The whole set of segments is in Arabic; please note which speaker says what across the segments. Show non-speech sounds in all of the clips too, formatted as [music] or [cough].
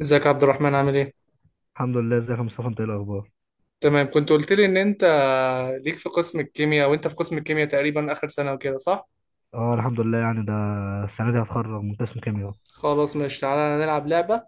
Speaker 1: ازيك يا عبد الرحمن عامل ايه؟
Speaker 2: الحمد لله، ازيك يا مصطفى؟ انت ايه الاخبار؟
Speaker 1: تمام كنت قلت لي ان انت ليك في قسم الكيمياء وانت في قسم الكيمياء تقريبا اخر سنة وكده صح؟
Speaker 2: اه الحمد لله، يعني ده السنه دي هتخرج من قسم كيمياء.
Speaker 1: خلاص ماشي، تعالى نلعب لعبة.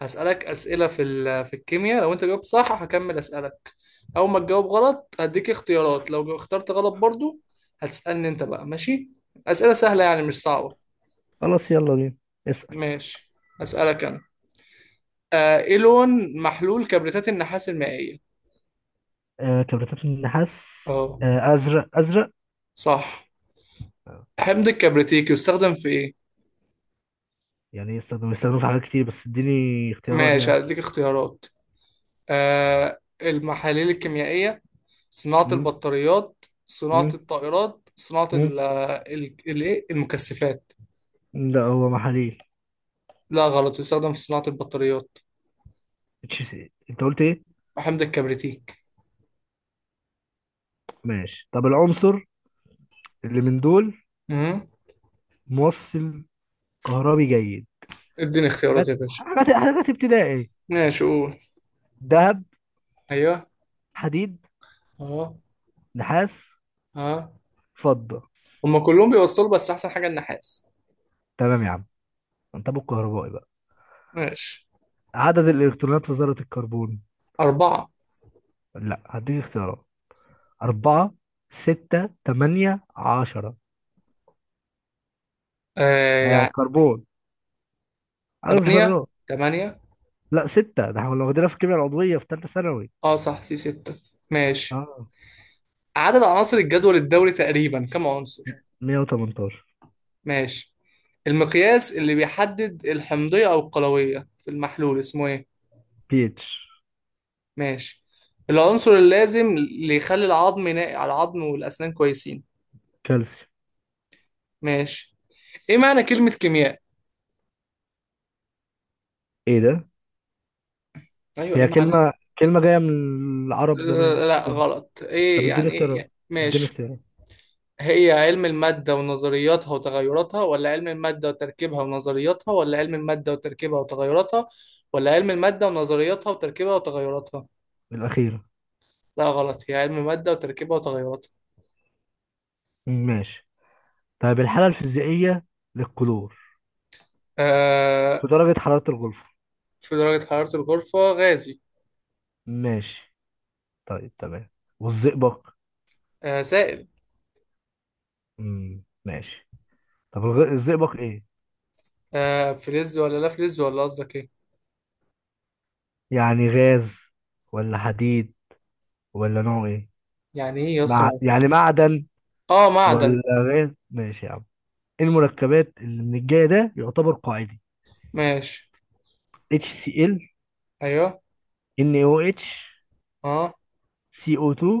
Speaker 1: هسألك اسئلة في الكيمياء. لو انت جاوبت صح هكمل اسألك، اول ما تجاوب غلط هديك اختيارات، لو اخترت غلط برضو هتسألني انت بقى، ماشي؟ اسئلة سهلة يعني مش صعبة.
Speaker 2: خلاص، يلا بينا، اسال.
Speaker 1: ماشي، اسألك انا. آه، ايه لون محلول كبريتات النحاس المائية؟
Speaker 2: كبريتات النحاس.
Speaker 1: اه
Speaker 2: ازرق، ازرق.
Speaker 1: صح.
Speaker 2: آه.
Speaker 1: حمض الكبريتيك يستخدم في ايه؟
Speaker 2: يعني يستخدموا في حاجات كتير، بس اديني اختيارات
Speaker 1: ماشي،
Speaker 2: يعني.
Speaker 1: هديك اختيارات. المحاليل الكيميائية، صناعة
Speaker 2: امم
Speaker 1: البطاريات، صناعة
Speaker 2: امم
Speaker 1: الطائرات، صناعة
Speaker 2: امم
Speaker 1: الإيه؟ المكثفات.
Speaker 2: لا، هو محاليل.
Speaker 1: لا غلط، يستخدم في صناعة البطاريات،
Speaker 2: اتش سي، انت قلت ايه؟
Speaker 1: حمض الكبريتيك.
Speaker 2: ماشي. طب العنصر اللي من دول
Speaker 1: مم.
Speaker 2: موصل كهربي جيد؟
Speaker 1: اديني اختيارات
Speaker 2: حاجات
Speaker 1: يا باشا.
Speaker 2: حاجات حاجات ابتدائي.
Speaker 1: ماشي، قول.
Speaker 2: ذهب.
Speaker 1: ايوه.
Speaker 2: حديد.
Speaker 1: اه.
Speaker 2: نحاس.
Speaker 1: اه.
Speaker 2: فضة.
Speaker 1: هما كلهم بيوصلوا بس احسن حاجة النحاس.
Speaker 2: تمام يا عم، انت ابو الكهربائي بقى.
Speaker 1: ماشي.
Speaker 2: عدد الإلكترونات في ذرة الكربون؟
Speaker 1: أربعة.
Speaker 2: لا، هديك اختيارات. أربعة، ستة، تمانية، عشرة.
Speaker 1: آه
Speaker 2: ها،
Speaker 1: يعني.
Speaker 2: كربون، عدد
Speaker 1: تمانية.
Speaker 2: الذرات.
Speaker 1: تمانية.
Speaker 2: لا، ستة، ده احنا كنا واخدينها في الكيمياء العضوية في تالتة ثانوي.
Speaker 1: اه صح، سي ستة. ماشي،
Speaker 2: اه.
Speaker 1: عدد عناصر الجدول الدوري تقريبا كم عنصر؟
Speaker 2: 118.
Speaker 1: ماشي. المقياس اللي بيحدد الحمضية أو القلوية في المحلول اسمه إيه؟
Speaker 2: بي اتش.
Speaker 1: ماشي. العنصر اللازم اللي يخلي العظم ناقي على العظم والأسنان كويسين.
Speaker 2: كالسيوم.
Speaker 1: ماشي. إيه معنى كلمة كيمياء؟
Speaker 2: ايه ده؟
Speaker 1: أيوه، إيه
Speaker 2: هي
Speaker 1: معنى؟
Speaker 2: كلمة جاية من العرب زمان
Speaker 1: لا
Speaker 2: كده.
Speaker 1: غلط.
Speaker 2: طب
Speaker 1: إيه
Speaker 2: اديني
Speaker 1: يعني
Speaker 2: اختيارات، اديني
Speaker 1: ماشي.
Speaker 2: اختيارات.
Speaker 1: هي علم المادة ونظرياتها وتغيراتها، ولا علم المادة وتركيبها ونظرياتها، ولا علم المادة وتركيبها وتغيراتها، ولا علم المادة ونظرياتها وتركيبها وتغيراتها؟
Speaker 2: الأخيرة.
Speaker 1: لا غلط، هي علم المادة وتركيبها وتغيراتها.
Speaker 2: ماشي. طيب الحالة الفيزيائية للكلور
Speaker 1: آه،
Speaker 2: في درجة حرارة الغرفة؟
Speaker 1: في درجة حرارة الغرفة غازي.
Speaker 2: ماشي، طيب تمام. والزئبق؟
Speaker 1: آه سائل.
Speaker 2: مم، ماشي. طب الزئبق ايه؟
Speaker 1: آه فلز ولا لا فلز، ولا قصدك ايه؟
Speaker 2: يعني غاز ولا حديد ولا نوع ايه؟
Speaker 1: يعني ايه يا اسطى
Speaker 2: مع يعني معدن؟
Speaker 1: اه معدن.
Speaker 2: ولا غاز؟ ماشي يا عم. إيه المركبات اللي من الجاي ده يعتبر قاعدي؟
Speaker 1: ماشي.
Speaker 2: HCl.
Speaker 1: ايوه.
Speaker 2: NaOH.
Speaker 1: اه.
Speaker 2: CO2.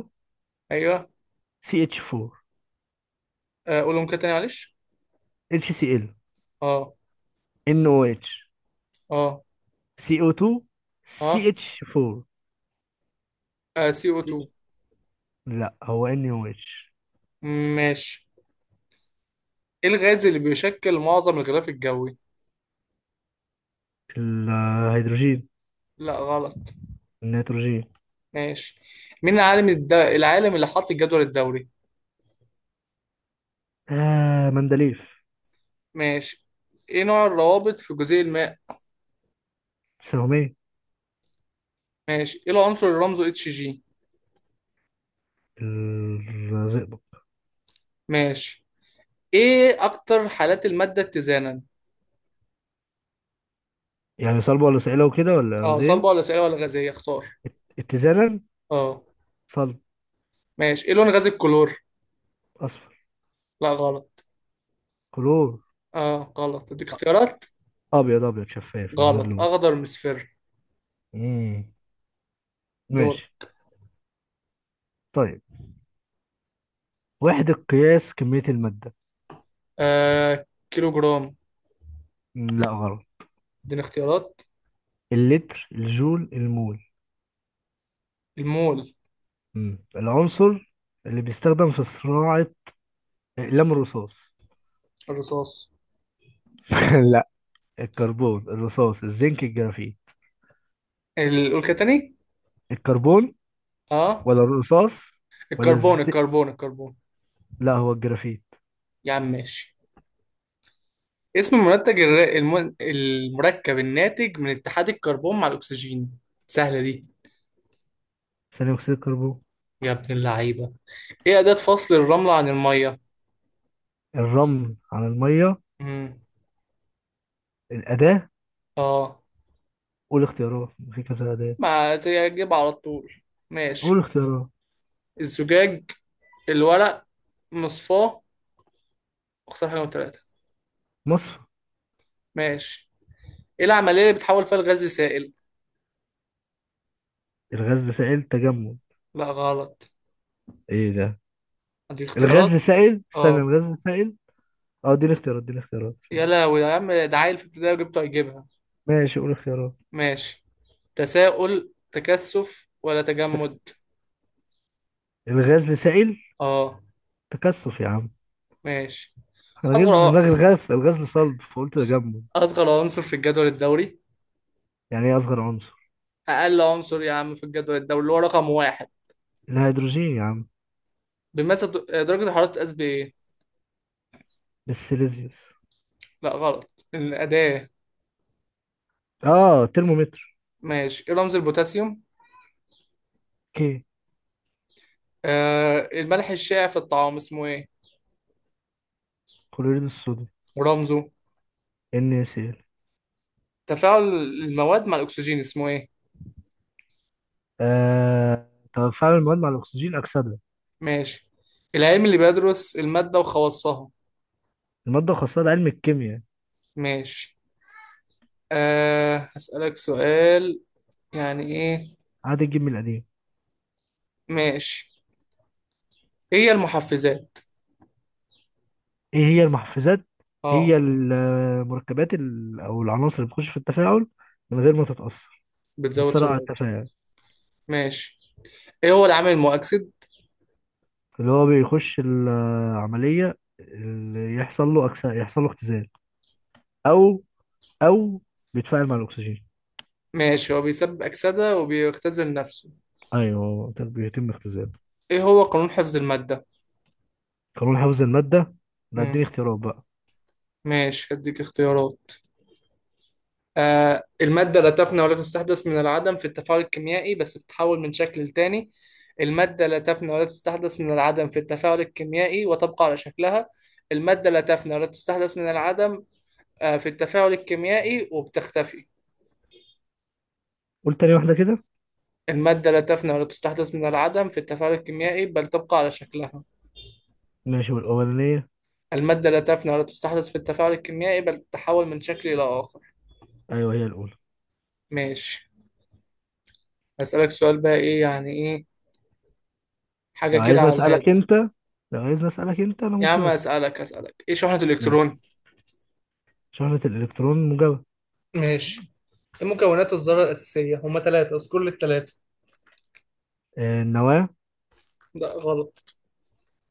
Speaker 1: ايوه.
Speaker 2: CH4.
Speaker 1: آه قولهم كده تاني معلش.
Speaker 2: HCl.
Speaker 1: اه.
Speaker 2: NaOH.
Speaker 1: اه.
Speaker 2: CO2.
Speaker 1: اه,
Speaker 2: CH4.
Speaker 1: آه سي او 2.
Speaker 2: لا، هو NaOH.
Speaker 1: ماشي، ايه الغاز اللي بيشكل معظم الغلاف الجوي؟
Speaker 2: الهيدروجين.
Speaker 1: لا غلط.
Speaker 2: النيتروجين.
Speaker 1: ماشي. مين العالم اللي حط الجدول الدوري؟
Speaker 2: مندليف.
Speaker 1: ماشي. ايه نوع الروابط في جزيء الماء؟
Speaker 2: سهمية.
Speaker 1: ماشي. ايه العنصر اللي رمزه اتش جي؟
Speaker 2: الزئبق.
Speaker 1: ماشي. ايه اكتر حالات المادة اتزانا؟
Speaker 2: يعني صلب ولا صعيلة وكده ولا
Speaker 1: اه
Speaker 2: غازية؟
Speaker 1: صلبة ولا سائلة ولا غازية، اختار.
Speaker 2: اتزانا.
Speaker 1: اه.
Speaker 2: صلب.
Speaker 1: ماشي. ايه لون غاز الكلور؟
Speaker 2: أصفر.
Speaker 1: لا غلط.
Speaker 2: كلور.
Speaker 1: اه غلط، اديك
Speaker 2: أ-
Speaker 1: اختيارات.
Speaker 2: أبيض، أبيض، شفاف من غير
Speaker 1: غلط،
Speaker 2: لون.
Speaker 1: اخضر مصفر.
Speaker 2: مم.
Speaker 1: دور.
Speaker 2: ماشي. طيب وحدة قياس كمية المادة؟
Speaker 1: آه كيلو جرام.
Speaker 2: مم، لا غلط.
Speaker 1: اديني اختيارات.
Speaker 2: اللتر، الجول، المول.
Speaker 1: المول.
Speaker 2: العنصر اللي بيستخدم في صناعة أقلام الرصاص.
Speaker 1: الرصاص.
Speaker 2: [laughs] لا. الكربون، الرصاص، الزنك، الجرافيت.
Speaker 1: قول كده تاني.
Speaker 2: الكربون.
Speaker 1: اه.
Speaker 2: ولا الرصاص؟ ولا
Speaker 1: الكربون،
Speaker 2: الزنك؟
Speaker 1: الكربون، الكربون.
Speaker 2: لا، هو الجرافيت.
Speaker 1: يا عم ماشي. اسم المنتج المركب الناتج من اتحاد الكربون مع الاكسجين، سهلة دي.
Speaker 2: ثاني أكسيد الكربون.
Speaker 1: يا ابن اللعيبة. ايه اداة فصل الرملة عن المية؟
Speaker 2: الرمل على المية؟ الأداة؟
Speaker 1: اه.
Speaker 2: قول اختيارات، في كذا أداة.
Speaker 1: ما تجيب على طول؟
Speaker 2: قول
Speaker 1: ماشي.
Speaker 2: اختيارات.
Speaker 1: الزجاج، الورق، مصفاه، اختار حاجة من ثلاثة.
Speaker 2: مصفى.
Speaker 1: ماشي. ايه العملية اللي بتحول فيها الغاز لسائل؟
Speaker 2: الغاز لسائل؟ تجمد.
Speaker 1: لا غلط.
Speaker 2: ايه ده؟
Speaker 1: ادي
Speaker 2: الغاز
Speaker 1: اختيارات.
Speaker 2: لسائل، استنى،
Speaker 1: اه.
Speaker 2: الغاز لسائل. اه، دي الاختيارات، دي الاختيارات.
Speaker 1: يا لهوي يا عم، ده عيل في ابتدائي وجبته هيجيبها.
Speaker 2: ماشي، قول اختيارات.
Speaker 1: ماشي. تساؤل، تكثف ولا
Speaker 2: تك...
Speaker 1: تجمد؟
Speaker 2: الغاز لسائل،
Speaker 1: اه.
Speaker 2: تكثف يا عم.
Speaker 1: ماشي.
Speaker 2: انا جايب في
Speaker 1: اصغر
Speaker 2: دماغي الغاز لصلب، فقلت تجمد.
Speaker 1: اصغر عنصر في الجدول الدوري،
Speaker 2: يعني ايه اصغر عنصر؟
Speaker 1: اقل عنصر يا عم في الجدول الدوري اللي هو رقم واحد
Speaker 2: الهيدروجين يا عم.
Speaker 1: بيمثل. درجة الحرارة بتتقاس بايه؟
Speaker 2: السيليزيوس.
Speaker 1: لا غلط، الأداة.
Speaker 2: اه، ترمومتر.
Speaker 1: ماشي. إيه رمز البوتاسيوم؟
Speaker 2: اوكي.
Speaker 1: آه الملح الشائع في الطعام اسمه إيه؟
Speaker 2: كلوريد الصوديوم.
Speaker 1: ورمزه؟
Speaker 2: ان سي ال.
Speaker 1: تفاعل المواد مع الأكسجين اسمه إيه؟
Speaker 2: تفاعل المواد مع الاكسجين، اكسده.
Speaker 1: ماشي. العلم اللي بيدرس المادة وخواصها.
Speaker 2: الماده خاصه، ده علم الكيمياء.
Speaker 1: ماشي. آه هسألك سؤال. يعني إيه؟
Speaker 2: عاد الجيم القديم.
Speaker 1: ماشي. إيه هي المحفزات؟
Speaker 2: ايه هي المحفزات؟
Speaker 1: آه
Speaker 2: هي المركبات او العناصر اللي بتخش في التفاعل من غير ما تتأثر.
Speaker 1: بتزود
Speaker 2: وبتسرع
Speaker 1: سرعة.
Speaker 2: التفاعل.
Speaker 1: ماشي. إيه هو العامل المؤكسد؟
Speaker 2: اللي هو بيخش العملية، اللي يحصل له يحصل له اختزال، او او بيتفاعل مع الاكسجين.
Speaker 1: ماشي، هو بيسبب أكسدة وبيختزل نفسه.
Speaker 2: ايوه، ده بيتم اختزال.
Speaker 1: إيه هو قانون حفظ المادة؟
Speaker 2: قانون حفظ المادة؟ لا، اديني
Speaker 1: مم.
Speaker 2: اختيارات بقى.
Speaker 1: ماشي، هديك اختيارات. آه، المادة لا تفنى ولا تستحدث من العدم في التفاعل الكيميائي بس بتتحول من شكل لتاني. المادة لا تفنى ولا تستحدث من العدم في التفاعل الكيميائي وتبقى على شكلها. المادة لا تفنى ولا تستحدث من العدم، آه، في التفاعل الكيميائي وبتختفي.
Speaker 2: قول تاني واحدة كده.
Speaker 1: المادة لا تفنى ولا تستحدث من العدم في التفاعل الكيميائي بل تبقى على شكلها.
Speaker 2: ماشي، والاولانية؟
Speaker 1: المادة لا تفنى ولا تستحدث في التفاعل الكيميائي بل تتحول من شكل إلى آخر.
Speaker 2: ايوه، هي الاولى.
Speaker 1: ماشي. هسألك سؤال بقى، إيه يعني إيه، حاجة
Speaker 2: لو
Speaker 1: كده
Speaker 2: عايزني
Speaker 1: على
Speaker 2: اسألك
Speaker 1: الهادي.
Speaker 2: انت لو عايزني اسألك انت، انا
Speaker 1: يا عم
Speaker 2: ممكن اسأل.
Speaker 1: أسألك إيه شحنة
Speaker 2: ماشي.
Speaker 1: الإلكترون؟
Speaker 2: شحنة الالكترون موجبة.
Speaker 1: ماشي. ايه مكونات الذرة الأساسية؟ هما ثلاثة، اذكر لي الثلاثة.
Speaker 2: النواة.
Speaker 1: لا غلط.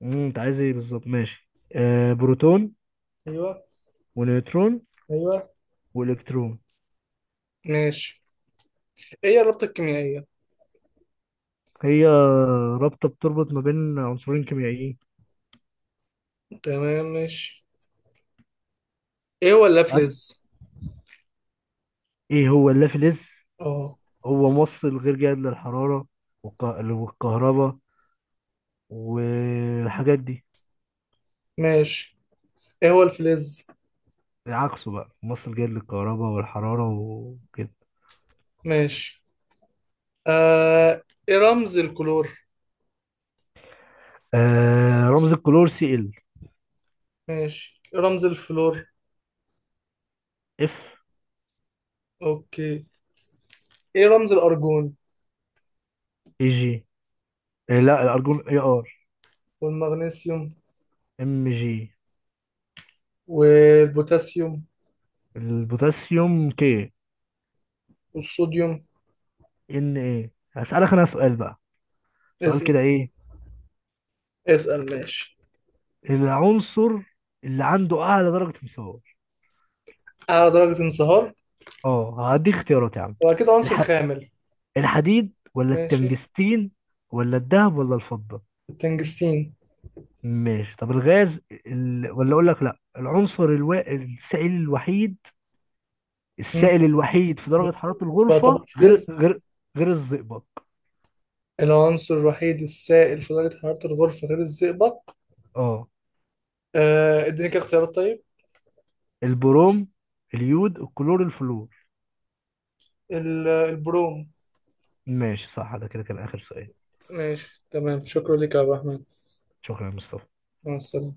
Speaker 2: انت عايز ايه بالظبط؟ ماشي. بروتون.
Speaker 1: أيوه.
Speaker 2: ونيوترون.
Speaker 1: أيوه.
Speaker 2: والكترون.
Speaker 1: ماشي. ايه هي الرابطة الكيميائية؟
Speaker 2: هي رابطه بتربط ما بين عنصرين كيميائيين.
Speaker 1: تمام، ماشي. ايه هو
Speaker 2: عارف،
Speaker 1: اللافلز؟
Speaker 2: ايه هو اللافلز؟
Speaker 1: اه.
Speaker 2: هو موصل غير جيد للحراره، والكهرباء والحاجات دي.
Speaker 1: ماشي. ايه هو الفلز؟
Speaker 2: عكسه بقى، موصل جيد للكهرباء والحراره وكده.
Speaker 1: ماشي. آه ايه رمز الكلور؟
Speaker 2: رمز الكلور، سي ال.
Speaker 1: ماشي. ايه رمز الفلور؟
Speaker 2: اف.
Speaker 1: اوكي. ايه رمز الأرجون؟
Speaker 2: اي جي. لا، الارجون اي ار.
Speaker 1: والمغنيسيوم؟
Speaker 2: ام جي.
Speaker 1: والبوتاسيوم؟
Speaker 2: البوتاسيوم كي.
Speaker 1: والصوديوم؟
Speaker 2: ان ايه. هسألك انا سؤال بقى، سؤال
Speaker 1: اسأل.
Speaker 2: كده، ايه
Speaker 1: اسأل ماشي.
Speaker 2: العنصر اللي عنده اعلى درجة مساواة؟
Speaker 1: أعلى درجة انصهار،
Speaker 2: اه، هدي اختيارات يا عم.
Speaker 1: وأكيد عنصر
Speaker 2: الح...
Speaker 1: خامل.
Speaker 2: الحديد ولا
Speaker 1: ماشي.
Speaker 2: التنجستين؟ ولا الذهب ولا الفضة؟
Speaker 1: تنجستين.
Speaker 2: ماشي. طب الغاز ولا اقول لك، لا، العنصر السائل الوحيد.
Speaker 1: مم.
Speaker 2: السائل الوحيد في درجة حرارة الغرفة،
Speaker 1: بيعتبر
Speaker 2: غير
Speaker 1: فلز.
Speaker 2: غير غير الزئبق.
Speaker 1: العنصر الوحيد السائل في درجة حرارة الغرفة غير الزئبق.
Speaker 2: اه.
Speaker 1: آه اديني كده اختيارات طيب.
Speaker 2: البروم، اليود، الكلور، الفلور.
Speaker 1: البروم.
Speaker 2: ماشي صح، ده كده كان اخر سؤال.
Speaker 1: ماشي تمام، شكرا لك يا عبد الرحمن.
Speaker 2: شكرا يا مصطفى.
Speaker 1: مع السلامة.